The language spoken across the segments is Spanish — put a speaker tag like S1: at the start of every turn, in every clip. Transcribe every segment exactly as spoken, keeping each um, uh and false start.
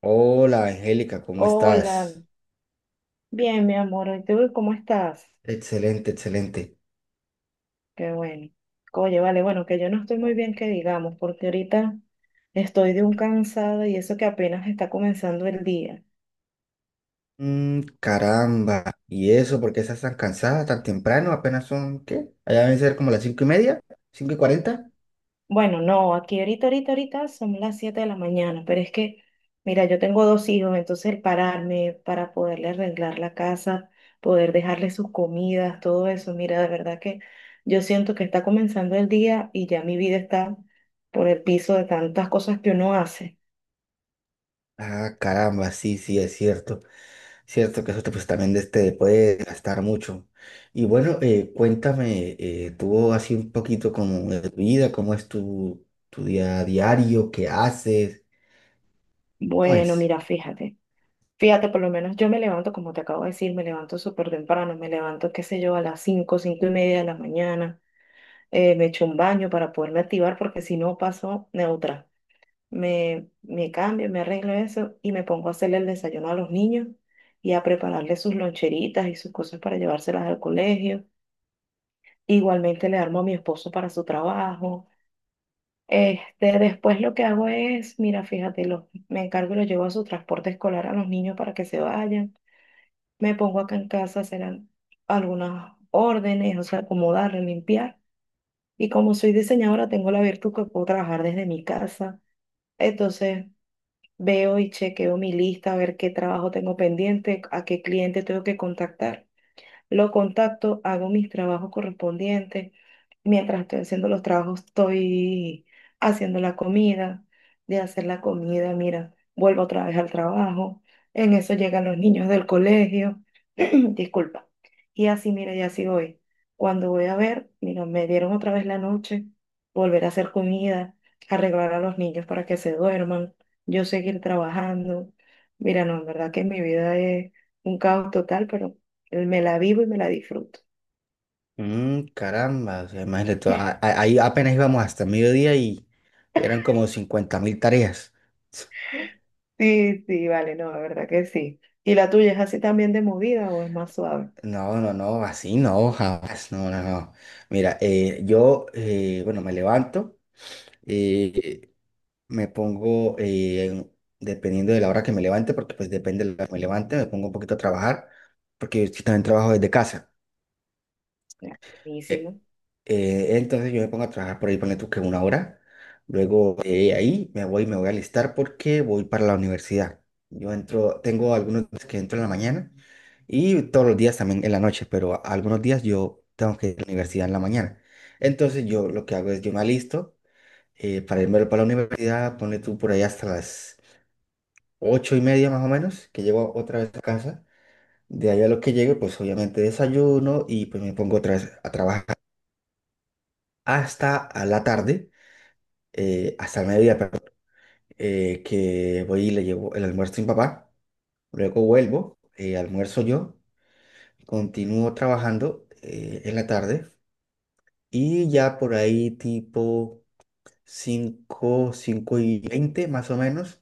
S1: Hola Angélica, ¿cómo
S2: Hola,
S1: estás?
S2: bien, mi amor. ¿Y tú cómo estás?
S1: Excelente, excelente.
S2: Qué bueno. Oye, vale, bueno, que yo no estoy muy bien, que digamos, porque ahorita estoy de un cansado y eso que apenas está comenzando el día.
S1: Mm, caramba. ¿Y eso? ¿Por qué estás tan cansada tan temprano? Apenas son, ¿qué? Allá deben ser como las cinco y media, cinco y cuarenta.
S2: Bueno, no, aquí ahorita, ahorita, ahorita son las siete de la mañana, pero es que, mira, yo tengo dos hijos, entonces el pararme para poderle arreglar la casa, poder dejarle sus comidas, todo eso, mira, de verdad que yo siento que está comenzando el día y ya mi vida está por el piso de tantas cosas que uno hace.
S1: Ah, caramba, sí, sí, es cierto. Cierto que eso te, pues, también de- te puede gastar mucho. Y bueno, eh, cuéntame, eh, tú así un poquito como de tu vida, cómo es tu, tu día diario, qué haces, ¿cómo
S2: Bueno,
S1: es?
S2: mira, fíjate, fíjate, por lo menos yo me levanto, como te acabo de decir, me levanto súper temprano, me levanto, qué sé yo, a las cinco cinco y media de la mañana, eh, me echo un baño para poderme activar porque si no paso neutra. Me, me cambio, me arreglo eso y me pongo a hacerle el desayuno a los niños y a prepararles sus loncheritas y sus cosas para llevárselas al colegio. Igualmente le armo a mi esposo para su trabajo. Este, después lo que hago es, mira, fíjate, lo- me encargo y lo llevo a su transporte escolar a los niños para que se vayan. Me pongo acá en casa a hacer al- algunas órdenes, o sea, acomodar, limpiar. Y como soy diseñadora, tengo la virtud que puedo trabajar desde mi casa. Entonces, veo y chequeo mi lista, a ver qué trabajo tengo pendiente, a qué cliente tengo que contactar. Lo contacto, hago mis trabajos correspondientes. Mientras estoy haciendo los trabajos, estoy haciendo la comida. De hacer la comida, mira, vuelvo otra vez al trabajo. En eso llegan los niños del colegio. Disculpa. Y así, mira, y así voy. Cuando voy a ver, mira, me dieron otra vez la noche, volver a hacer comida, arreglar a los niños para que se duerman, yo seguir trabajando. Mira, no, en verdad que mi vida es un caos total, pero me la vivo y me la disfruto.
S1: Mm, caramba, o sea, imagínate, tú, a- a- ahí apenas íbamos hasta mediodía y eran como cincuenta mil tareas.
S2: Sí, sí, vale, no, la verdad que sí. ¿Y la tuya es así también de movida o es más suave?
S1: No, no, no, así no, jamás, no, no, no. Mira, eh, yo, eh, bueno, me levanto, eh, me pongo, eh, dependiendo de la hora que me levante, porque pues depende de la hora que me levante, me pongo un poquito a trabajar, porque yo sí también trabajo desde casa.
S2: Ah,
S1: Eh,
S2: buenísimo.
S1: eh, entonces yo me pongo a trabajar por ahí, ponle tú que una hora. Luego eh, ahí me voy, me voy a alistar porque voy para la universidad. Yo entro, tengo algunos días que entro en la mañana y todos los días también en la noche, pero a- algunos días yo tengo que ir a la universidad en la mañana. Entonces yo lo que hago es yo me alisto eh, para irme para la universidad, ponle tú por ahí hasta las ocho y media más o menos, que llego otra vez a casa. De ahí a lo que llegue, pues obviamente desayuno y pues me pongo otra vez a trabajar hasta a la tarde, eh, hasta el mediodía, perdón, eh, que voy y le llevo el almuerzo a mi papá, luego vuelvo, eh, almuerzo yo, continúo trabajando eh, en la tarde y ya por ahí tipo cinco cinco y veinte más o menos,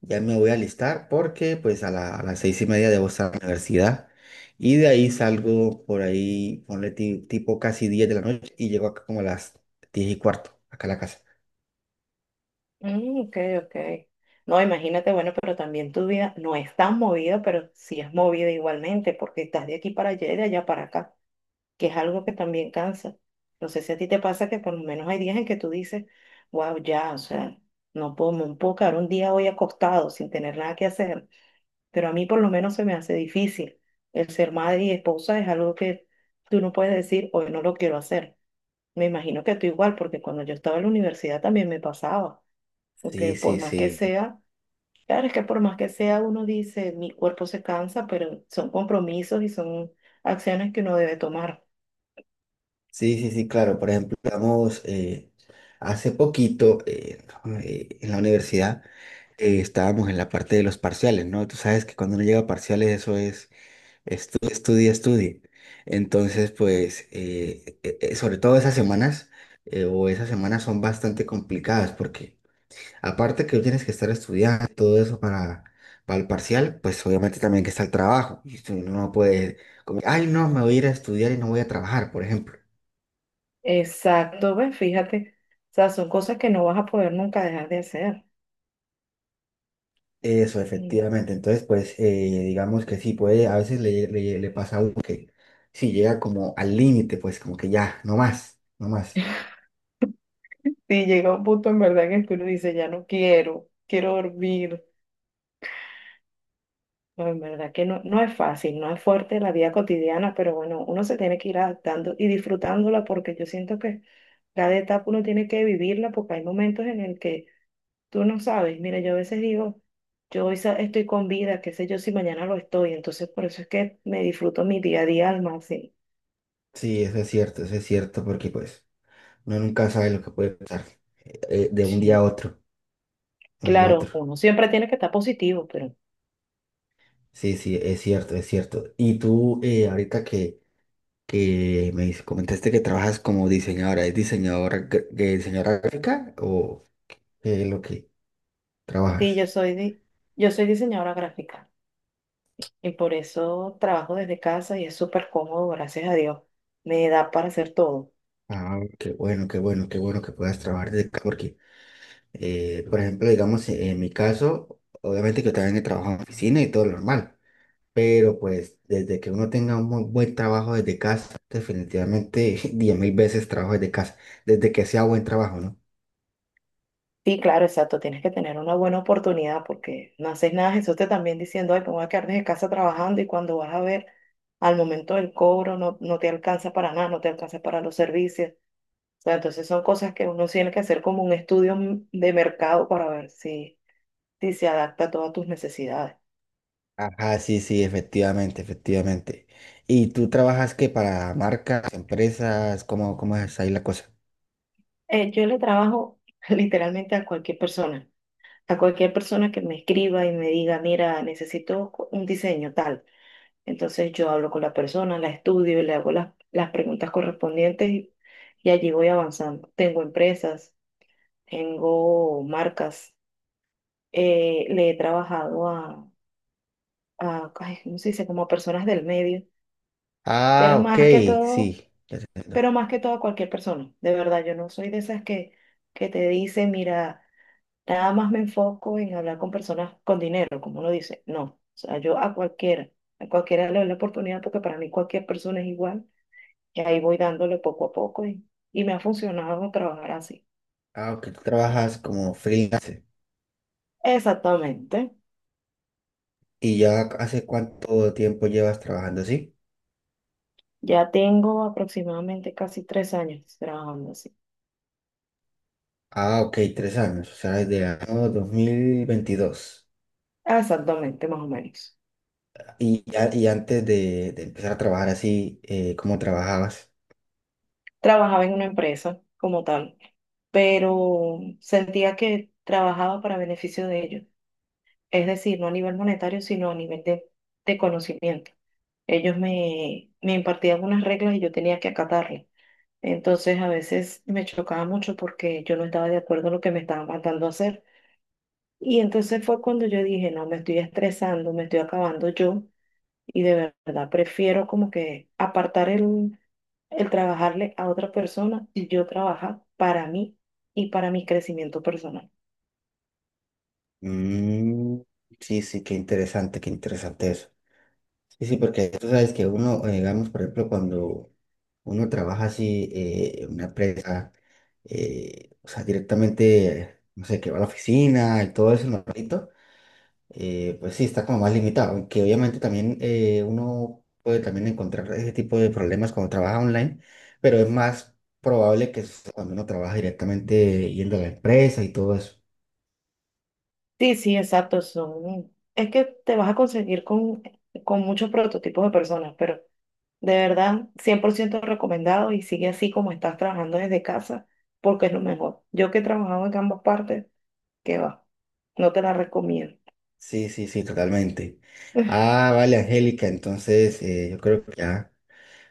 S1: ya me voy a alistar porque pues a, la- a las seis y media debo estar en la universidad. Y de ahí salgo por ahí, ponle ti- tipo casi diez de la noche y llego acá como a las diez y cuarto, acá a la casa.
S2: Mm, ok, ok. No, imagínate, bueno, pero también tu vida no es tan movida, pero sí es movida igualmente, porque estás de aquí para allá y de allá para acá, que es algo que también cansa. No sé si a ti te pasa que por lo menos hay días en que tú dices, wow, ya, o sea, no puedo, no puedo quedar un día hoy acostado sin tener nada que hacer, pero a mí por lo menos se me hace difícil. El ser madre y esposa es algo que tú no puedes decir, hoy no lo quiero hacer. Me imagino que tú igual, porque cuando yo estaba en la universidad también me pasaba, porque
S1: Sí,
S2: por
S1: sí,
S2: más que
S1: sí.
S2: sea, claro, es que por más que sea, uno dice, mi cuerpo se cansa, pero son compromisos y son acciones que uno debe tomar.
S1: Sí, sí, sí, claro. Por ejemplo, digamos, eh, hace poquito eh, no, eh, en la universidad eh, estábamos en la parte de los parciales, ¿no? Tú sabes que cuando uno llega a parciales eso es estudia, estudia, estudia. Entonces, pues, eh, eh, eh, sobre todo esas semanas eh, o esas semanas son bastante complicadas porque aparte que tienes que estar estudiando y todo eso para, para el parcial, pues obviamente también que está el trabajo. Y tú no puedes como, ay, no, me voy a ir a estudiar y no voy a trabajar, por ejemplo.
S2: Exacto, ves, fíjate, o sea, son cosas que no vas a poder nunca dejar de hacer.
S1: Eso,
S2: Mm.
S1: efectivamente. Entonces, pues eh, digamos que sí, puede, a veces le, le, le pasa a uno que sí llega como al límite, pues como que ya, no más, no más.
S2: Sí, llega un punto en verdad en el que uno dice, ya no quiero, quiero dormir. No, en verdad que no, no es fácil, no es fuerte la vida cotidiana, pero bueno, uno se tiene que ir adaptando y disfrutándola porque yo siento que cada etapa uno tiene que vivirla porque hay momentos en el que tú no sabes. Mira, yo a veces digo, yo hoy sa- estoy con vida, qué sé yo si mañana lo estoy, entonces por eso es que me disfruto mi día a día al máximo.
S1: Sí, eso es cierto, eso es cierto, porque pues uno nunca sabe lo que puede pasar eh, de un día a
S2: Sí.
S1: otro, de un día a otro.
S2: Claro, uno siempre tiene que estar positivo, pero
S1: Sí, sí, es cierto, es cierto. Y tú, eh, ahorita que que me comentaste que trabajas como diseñadora. ¿Es diseñadora, gr- eh, diseñadora gráfica o qué es lo que
S2: sí,
S1: trabajas?
S2: yo soy, di- yo soy diseñadora gráfica. Y por eso trabajo desde casa y es súper cómodo, gracias a Dios. Me da para hacer todo.
S1: Ah, qué bueno, qué bueno, qué bueno que puedas trabajar desde casa porque, eh, por ejemplo, digamos, eh, en mi caso, obviamente que yo también he trabajado en oficina y todo lo normal, pero pues desde que uno tenga un muy buen trabajo desde casa, definitivamente diez mil veces trabajo desde casa, desde que sea buen trabajo, ¿no?
S2: Sí, claro, exacto. Tienes que tener una buena oportunidad porque no haces nada. Jesús te también diciendo, ay, me voy a quedar desde casa trabajando y cuando vas a ver, al momento del cobro no, no te alcanza para nada, no te alcanza para los servicios. O sea, entonces son cosas que uno tiene que hacer como un estudio m- de mercado para ver si, si se adapta a todas tus necesidades.
S1: Ajá, sí, sí, efectivamente, efectivamente. ¿Y tú trabajas qué para marcas, empresas? ¿Cómo, cómo es ahí la cosa?
S2: Eh, yo le trabajo literalmente a cualquier persona, a cualquier persona que me escriba y me diga, mira, necesito co- un diseño tal. Entonces yo hablo con la persona, la estudio, le hago las, las preguntas correspondientes y, y allí voy avanzando. Tengo empresas, tengo marcas, eh, le he trabajado a, a, ay, ¿cómo se dice? Como a personas del medio,
S1: Ah,
S2: pero
S1: ok,
S2: más que todo,
S1: sí, ya te entiendo.
S2: pero más que todo a cualquier persona. De verdad, yo no soy de esas que, que te dice, mira. Nada más me enfoco en hablar con personas con dinero, como uno dice. No, o sea, yo a cualquiera, a cualquiera le doy la oportunidad porque para mí cualquier persona es igual y ahí voy dándole poco a poco y, y me ha funcionado trabajar así.
S1: Ah, ok, tú trabajas como freelance.
S2: Exactamente.
S1: ¿Y ya hace cuánto tiempo llevas trabajando así?
S2: Ya tengo aproximadamente casi tres años trabajando así.
S1: Ah, ok, tres años, o sea, desde el año dos mil veintidós.
S2: Exactamente, más o menos.
S1: ¿Y, ya- y antes de, de empezar a trabajar así, eh, cómo trabajabas?
S2: Trabajaba en una empresa como tal, pero sentía que trabajaba para beneficio de ellos. Es decir, no a nivel monetario, sino a nivel de, de conocimiento. Ellos me, me impartían unas reglas y yo tenía que acatarlas. Entonces a veces me chocaba mucho porque yo no estaba de acuerdo en lo que me estaban mandando a hacer. Y entonces fue cuando yo dije, no, me estoy estresando, me estoy acabando yo y de verdad prefiero como que apartar el, el trabajarle a otra persona y yo trabajar para mí y para mi crecimiento personal.
S1: Mm, sí, sí, qué interesante, qué interesante eso. Sí, sí, porque tú sabes que uno, eh, digamos, por ejemplo, cuando uno trabaja así eh, en una empresa, eh, o sea, directamente, no sé, que va a la oficina y todo eso, normalito, eh, pues sí, está como más limitado, aunque obviamente también eh, uno puede también encontrar ese tipo de problemas cuando trabaja online, pero es más probable que suceda cuando uno trabaja directamente yendo a la empresa y todo eso.
S2: Sí, sí, exacto. Son... Es que te vas a conseguir con, con muchos prototipos de personas, pero de verdad, cien por ciento recomendado y sigue así como estás trabajando desde casa, porque es lo mejor. Yo que he trabajado en ambas partes, que va, no te la recomiendo.
S1: Sí, sí, sí, totalmente. Ah, vale, Angélica, entonces eh, yo creo que ya.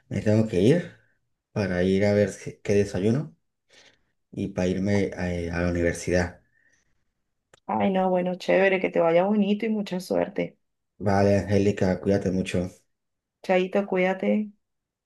S1: Me tengo que ir para ir a ver si- qué desayuno y para irme a, a la universidad.
S2: Ay, no, bueno, chévere, que te vaya bonito y mucha suerte.
S1: Vale, Angélica, cuídate mucho.
S2: Chaito, cuídate.